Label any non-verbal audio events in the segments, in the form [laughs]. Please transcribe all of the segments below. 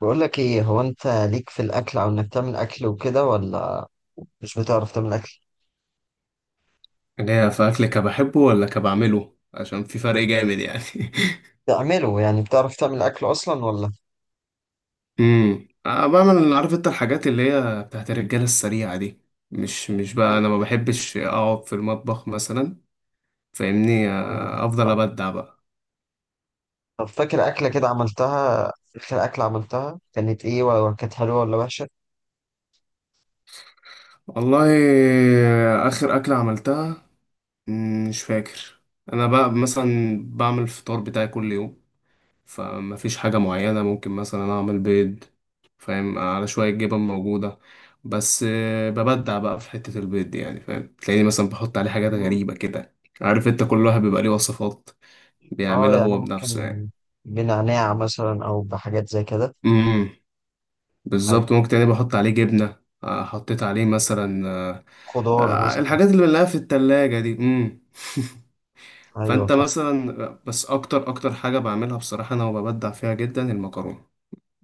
بقول لك ايه؟ هو انت ليك في الاكل او انك تعمل اكل وكده ولا مش بتعرف تعمل اكل؟ اللي هي في اكل كبحبه ولا كبعمله عشان في فرق جامد يعني. [laughs] تعمله يعني بتعرف تعمل اكل اصلا ولا؟ أنا بعمل. عارف انت الحاجات اللي هي بتاعت الرجاله السريعه دي؟ مش بقى خفيف. انا ما بحبش اقعد في المطبخ مثلا. فاهمني؟ أيوة، افضل صح. ابدع بقى. طب فاكر اكله كده عملتها؟ اخر اكله عملتها كانت ايه ولا كانت حلوه ولا وحشه؟ والله، اخر اكله عملتها، مش فاكر. انا بقى مثلا بعمل الفطار بتاعي كل يوم، فما فيش حاجة معينة. ممكن مثلا أعمل بيض، فاهم؟ على شوية جبن موجودة. بس ببدع بقى في حتة البيض دي يعني، فاهم؟ تلاقيني مثلا بحط عليه حاجات مم. غريبة كده. عارف انت؟ كل واحد بيبقى ليه وصفات اه، بيعملها يعني هو بنفسه ممكن يعني. بنعناع مثلا او بحاجات زي كده. امم بالظبط، ايوه، ممكن تلاقيني بحط عليه جبنة، حطيت عليه مثلا، خضار مثلا. الحاجات اللي بنلاقيها في التلاجة دي. ايوه، فانت صح. مثلا، بس اكتر اكتر حاجة بعملها بصراحة انا وببدع فيها جدا، المكرونة.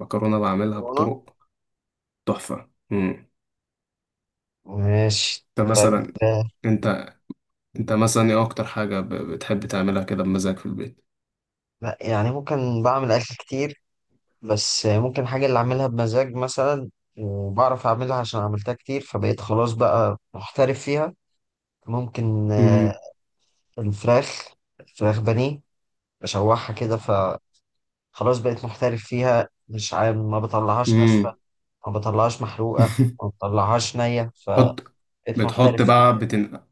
المكرونة بعملها بطرق تحفة. ماشي. انت طيب مثلا، آه، انت انت مثلا ايه اكتر حاجة بتحب تعملها كده بمزاج في البيت؟ لا، يعني ممكن بعمل اكل كتير، بس ممكن حاجة اللي أعملها بمزاج مثلا، وبعرف أعملها عشان عملتها كتير فبقيت خلاص بقى محترف فيها. ممكن. امم الفراخ الفراخ بانيه، بشوحها كده فخلاص بقيت محترف فيها، مش عارف. ما بطلعهاش ناشفة، امم ما بطلعهاش محروقة، ما [laughs] بطلعهاش نية حط فبقيت محترف بتحط فيها بقى يعني.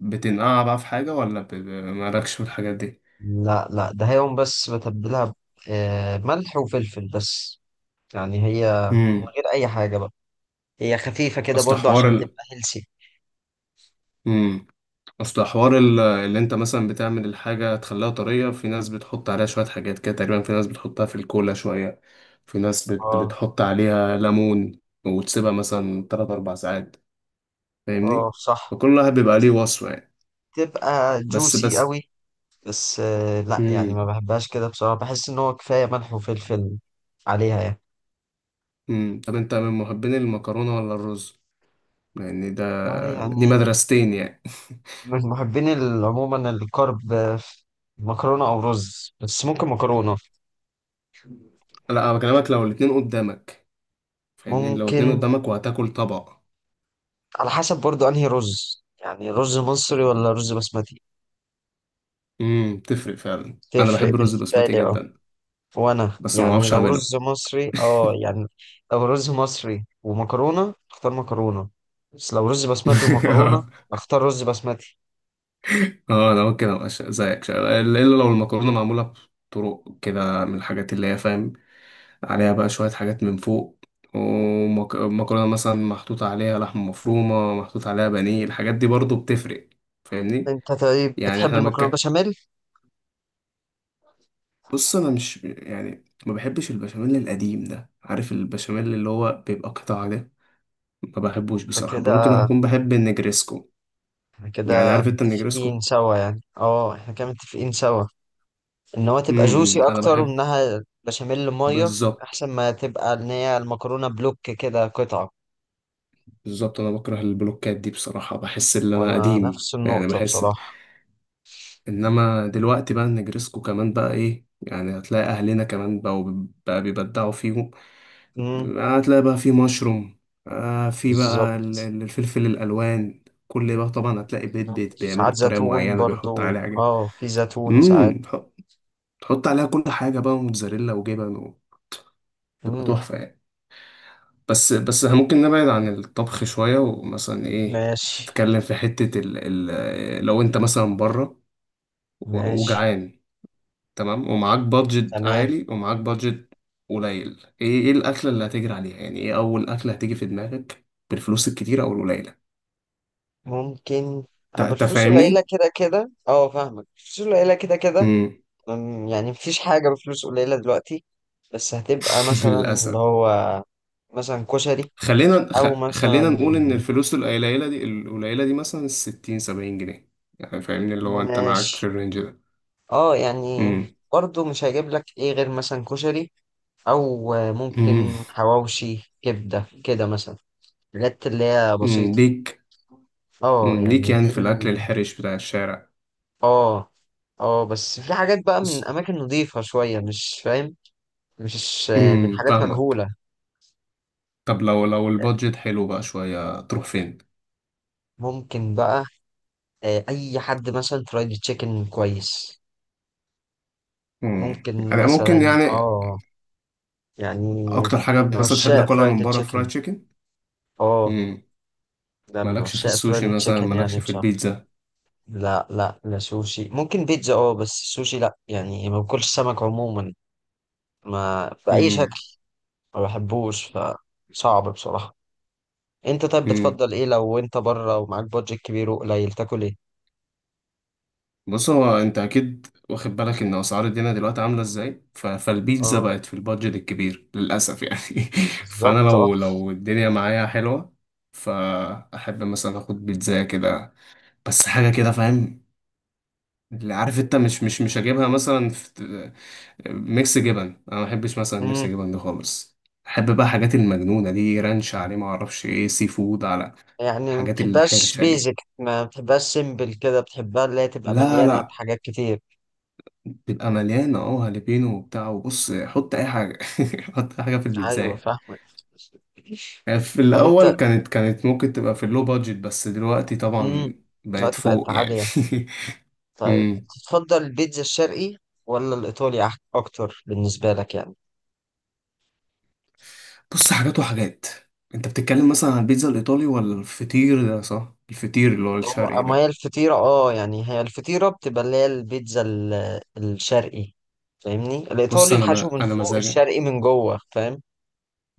بتنقع بقى في حاجة ولا مالكش في الحاجات دي؟ لا، لا، ده هي يوم بس بتبلها ملح وفلفل بس، يعني هي من امم غير أي حاجة بقى، هي خفيفة كده اصل برضو حوار عشان ال... تبقى هيلسي. امم اصل حوار ال... اللي انت مثلا بتعمل الحاجة تخليها طرية. في ناس بتحط عليها شوية حاجات كده تقريبا، في ناس بتحطها في الكولا شوية، في ناس اه. بتحط عليها ليمون وتسيبها مثلا 3 4 ساعات، اه، فاهمني؟ صح. فكل واحد بيبقى ليه وصفة يعني. تبقى بس جوسي بس قوي. بس لا يعني امم ما بحبهاش كده بصراحة، بحس ان هو كفاية ملح وفلفل عليها يعني. امم طب انت من محبين المكرونة ولا الرز؟ يعني ده، والله دي يعني، مدرستين يعني. من محبين عموما الكرب في مكرونة او رز، بس ممكن مكرونة. [laughs] لا انا بكلمك لو الاتنين قدامك، فاهمني؟ لو الاتنين ممكن، قدامك وهتاكل طبق. على حسب برضو انهي رز، يعني رز مصري ولا رز بسمتي. تفرق فعلا، انا تفرق بحب الرز بالنسبة بسمتي لي، اه. جدا. وانا بس ما يعني بعرفش لو اعمله. رز مصري اه يعني، لو رز مصري ومكرونه اختار مكرونه، بس لو رز بسمتي ومكرونه [laughs] اختار رز بسمتي. اه انا ممكن ابقى زيك، الا لو المكرونة معمولة بطرق كده من الحاجات اللي هي، فاهم؟ عليها بقى شوية حاجات من فوق، ومكرونة مثلا محطوط عليها لحمة مفرومة، محطوط عليها بانيه. الحاجات دي برضو بتفرق، فاهمني؟ انت طيب يعني بتحب احنا المكرونه بشاميل؟ بص، انا مش يعني ما بحبش البشاميل القديم ده، عارف البشاميل اللي هو بيبقى قطع ده؟ ما بحبوش انت بصراحة. ممكن كده، اكون بحب النجريسكو. احنا يعني كده عارف انت متفقين النجريسكو؟ سوا يعني، اه احنا كده متفقين سوا ان هو تبقى جوسي إمم، انا اكتر بحب. وانها بشاميل ميه، بالظبط احسن ما تبقى ان هي المكرونه بلوك كده قطعه. بالظبط. انا بكره البلوكات دي بصراحة، بحس ان انا وانا قديم نفس يعني، النقطه بحس. بصراحه. انما دلوقتي بقى النجرسكو كمان بقى ايه يعني، هتلاقي اهلنا كمان بقوا بقى بيبدعوا فيهم. امم. هتلاقي بقى في مشروم، في بقى بالظبط. الفلفل الالوان، كل بقى. طبعا هتلاقي بيت بيت بيعملوا ساعات بطريقه زيتون معينه، بيحط برضو، عليها حاجه. اه في زيتون ساعات. امم تحط عليها كل حاجه بقى، موتزاريلا وجبن، وتبقى مم. تحفه يعني. بس ممكن نبعد عن الطبخ شويه ومثلا ايه، ماشي. نتكلم في حته ال، ال لو انت مثلا بره ماشي. وجعان، تمام، ومعاك بادجت تمام. عالي ومعاك بادجت قليل، ايه ايه الاكله اللي هتجري عليها يعني؟ ايه اول اكله هتيجي في دماغك بالفلوس الكتيره او القليله؟ ممكن أبو تا- تا الفلوس فاهمني. قليلة كده كده، اه فاهمك، الفلوس قليلة كده كده. امم يعني مفيش حاجة بفلوس قليلة دلوقتي، بس هتبقى [laughs] مثلا اللي للاسف. هو مثلا كشري، خلينا خ... أو خلينا مثلا. نقول ان الفلوس القليله دي، القليله دي، مثلا 60 70 جنيه، يعني فاهمني؟ اللي هو انت معاك ماشي. في الرينج ده. اه يعني امم برضو مش هجيب لك ايه غير مثلا كشري، أو امم ممكن حواوشي كبدة كده مثلا، الحاجات اللي هي أمم، بسيطة. ليك. اه أمم، ليك يعني يعني دي في الاكل الحرش بتاع الشارع. اه. اه، بس في حاجات بقى بس. من اماكن نظيفة شوية مش فاهم، مش من حاجات فاهمك. مجهولة. طب لو لو البادجت حلو بقى شويه، تروح فين؟ ممكن بقى اي حد مثلا فرايد تشيكن كويس، ممكن انا مثلا، ممكن يعني. اه يعني، اكتر حاجه من مثلا تحب عشاق تاكلها من فرايد بره؟ فرايد تشيكن. تشيكن؟ اه. مم. ده من مالكش في عشاق السوشي فرايد مثلا، تشيكن يعني مالكش في بصراحة. البيتزا؟ لا لا لا، سوشي ممكن، بيتزا اه، بس سوشي لا، يعني ما باكلش سمك عموما، ما بأي مم. شكل، ما بحبوش فصعب بصراحة. انت طيب مم. بتفضل ايه لو انت بره ومعاك بادجت كبير وقليل تاكل ايه؟ بص، هو انت اكيد واخد بالك ان اسعار الدنيا دلوقتي عامله ازاي. ف... فالبيتزا اه، بقت في البادجت الكبير للاسف يعني. [laughs] فانا بالظبط اه. لو لو الدنيا معايا حلوه، فاحب مثلا اخد بيتزا كده بس، حاجه كده، فاهم؟ اللي عارف انت، مش هجيبها مثلا ميكس جبن. انا ما بحبش مثلا ميكس امم. جبن ده خالص. احب بقى حاجات المجنونه دي، رانش عليه، ما اعرفش ايه، سي فود على يعني ما الحاجات بتحبهاش الحرشه بيزك، دي. ما بتحبهاش سيمبل كده، بتحبها اللي هي تبقى لا مليانه لا، بحاجات كتير. بيبقى مليانه اه، هالبينو وبتاع، وبص حط اي حاجه، [laughs] حط أي حاجه في ايوه، البيتزا. فاهمك. يعني في طب انت. الاول كانت كانت ممكن تبقى في اللو بادجت، بس دلوقتي امم. طبعا بقت دلوقتي بقت فوق يعني. عاليه. [laughs] طيب، أمم. تفضل البيتزا الشرقي ولا الايطالي اكتر بالنسبه لك يعني؟ بص، حاجات وحاجات. انت بتتكلم مثلا عن البيتزا الايطالي ولا الفطير ده؟ صح، الفطير اللي هو هو الشرقي اما هي ده. الفطيره اه يعني، هي الفطيره بتبقى اللي هي البيتزا الشرقي. فاهمني، بص الايطالي انا، الحشو ما من انا فوق، مزاجي، الشرقي من جوه، فاهم.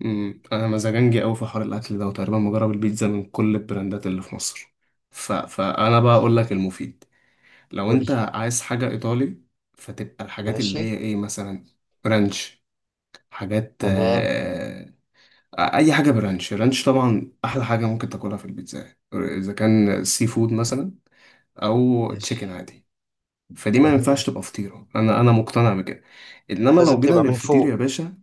انا مزاجنجي قوي في حوار الاكل ده، وتقريبا مجرب البيتزا من كل البراندات اللي في مصر. ف... فانا بقى اقول ماشي. لك المفيد. لو قولي. انت عايز حاجه ايطالي، فتبقى الحاجات ماشي. اللي هي ايه مثلا، رانش، حاجات، تمام. اي حاجه برانش رانش. طبعا احلى حاجه ممكن تاكلها في البيتزا اذا كان سي فود مثلا، او تشيكن ماشي. عادي. فدي ما جميل. ينفعش تبقى فطيره، انا انا مقتنع بكده. انما لازم لو جينا تبقى من للفطير فوق. يا باشا،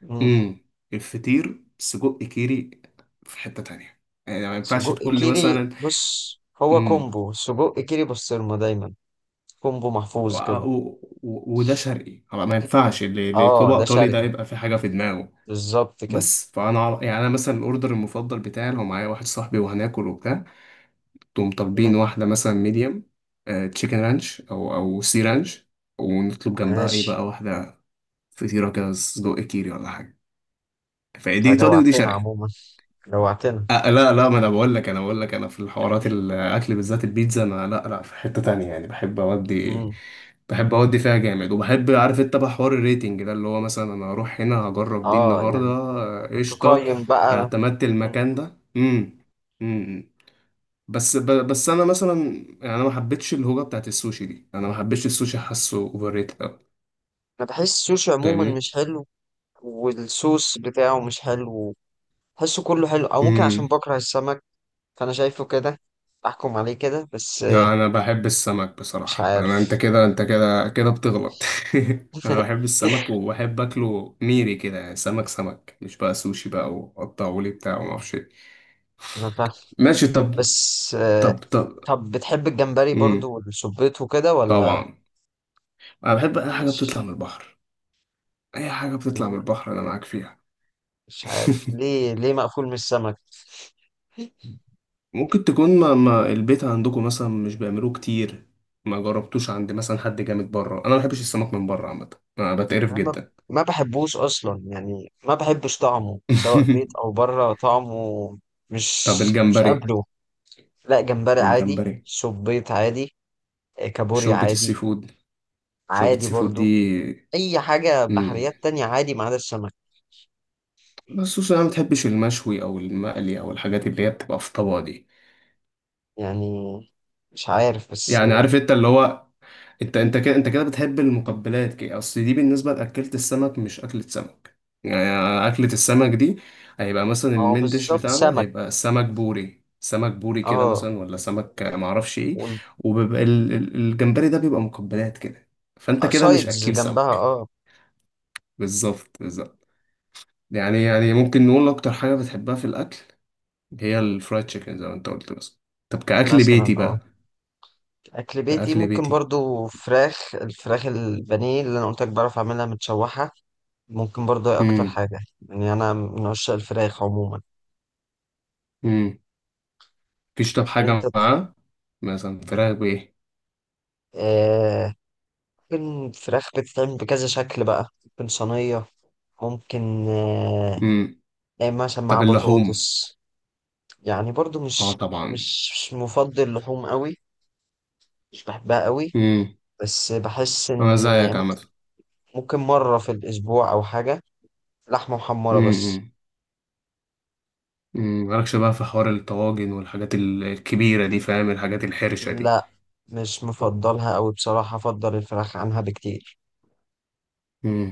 مم. امم الفطير سجق كيري، في حتة تانية يعني. ما ينفعش سجق تقول لي كيري، مثلا، بص، هو امم كومبو سجق كيري بسطرمة دايما، كومبو محفوظ كده. وده شرقي، ما ينفعش اللي اللي اه يطلبه ده ايطالي ده شرقي، يبقى في حاجة في دماغه. بالظبط كده. بس فانا يعني انا مثلا الاوردر المفضل بتاعي لو معايا واحد صاحبي وهناكل وبتاع، تقوم مم. طالبين واحدة مثلا ميديم تشيكن رانش او سي رانش، ونطلب جنبها ايه ماشي. بقى واحدة فطيرة كده سجق كيري ولا حاجة. فدي انت ايطالي ودي جوعتنا شرقي. عموما، جوعتنا. أه لا لا، ما انا بقول لك، انا بقول لك انا في الحوارات الاكل بالذات البيتزا، انا لا لا في حتة تانية يعني. بحب اودي، مم. بحب اودي فيها جامد. وبحب عارف انت بقى حوار الريتنج ده، اللي هو مثلا انا اروح هنا هجرب دي اه النهارده، يعني، قشطه، تقيم بقى. اعتمدت مم. المكان ده. امم إمم. بس انا مثلا، يعني انا ما حبيتش الهوجه بتاعت السوشي دي. انا ما حبيتش السوشي، حاسه اوفر ريتد قوي، انا بحس السوشي عموما فاهمني؟ مش حلو، والصوص بتاعه مش حلو، بحسه كله حلو، او ممكن عشان امم بكره السمك، فانا شايفه كده، احكم عليه كده بس. لا انا بحب السمك مش بصراحه. انا انت عارف. كده، انت كده كده بتغلط. [laughs] انا بحب [laughs] السمك وبحب اكله ميري كده يعني، سمك سمك، مش بقى سوشي بقى وقطعوا لي بتاع وما اعرفش إيه. انا فاهم، ماشي، طب. بس. طب طب. طب بتحب الجمبري امم برضو والسبيط وكده ولا؟ طبعا، انا بحب اي حاجه بتطلع مش من البحر. اي حاجه بتطلع من البحر انا معاك فيها. مش عارف [laughs] ليه مقفول من السمك؟ ممكن تكون، ما البيت عندكم مثلا مش بيعملوه كتير؟ ما جربتوش عند مثلا حد جامد بره؟ انا ما بحبش السمك من بره عامه، انا بتقرف انا ما جدا. ما بحبوش اصلا يعني، ما بحبش طعمه سواء بيت [laughs] او بره طعمه. مش طب مش الجمبري؟ قابله. لا، جمبري عادي، الجمبري، سبيط عادي، كابوريا شوربة السي عادي، فود. شوربة عادي السي فود دي، برضو، اي حاجة مم. بحريات تانية عادي ما عدا السمك. بس خصوصا انا ما بتحبش المشوي او المقلي او الحاجات اللي هي بتبقى في طبق دي. يعني مش عارف، بس يعني عارف انت اللي هو، انت انت كده، انت كده بتحب المقبلات كده. اصل دي بالنسبة لأكلة السمك، مش أكلة سمك. يعني أكلة السمك دي، هيبقى مثلا ما هو المين ديش بالظبط بتاعنا سمك. هيبقى سمك بوري، سمك بوري كده اه، مثلا، ولا سمك معرفش ايه. وبيبقى الجمبري ده بيبقى مقبلات كده. فانت كده مش والسايدز أكيل جنبها سمك. اه. بالظبط بالظبط. يعني يعني ممكن نقول أكتر حاجة بتحبها في الأكل هي الفرايد تشيكن زي ما أنت قلت بس. طب كأكل مثلا بيتي اه، بقى؟ اكل بيتي كأكل ممكن بيتي. برضو فراخ، الفراخ البانيه اللي انا قلت لك بعرف اعملها متشوحه، ممكن برضو هي اكتر امم حاجه، يعني انا من عشاق الفراخ عموما. امم مفيش طب انت. حاجة معاه، مثلا فراخ بإيه. آه ممكن فراخ بتتعمل بكذا شكل بقى، ممكن صينيه، ممكن امم تعمل مثلا مع طب اللحوم؟ بطاطس. يعني برضو اه مش طبعا. مش مش مفضل لحوم قوي، مش بحبها قوي، امم بس بحس أنا إن زيك عامة. ممكن مرة في الأسبوع أو حاجة، لحمة محمرة بس. امم امم مالكش بقى في حوار الطواجن والحاجات الكبيرة دي، فاهم؟ الحاجات الحرشة لا، مش مفضلها أوي بصراحة، أفضل الفراخ عنها بكتير. دي.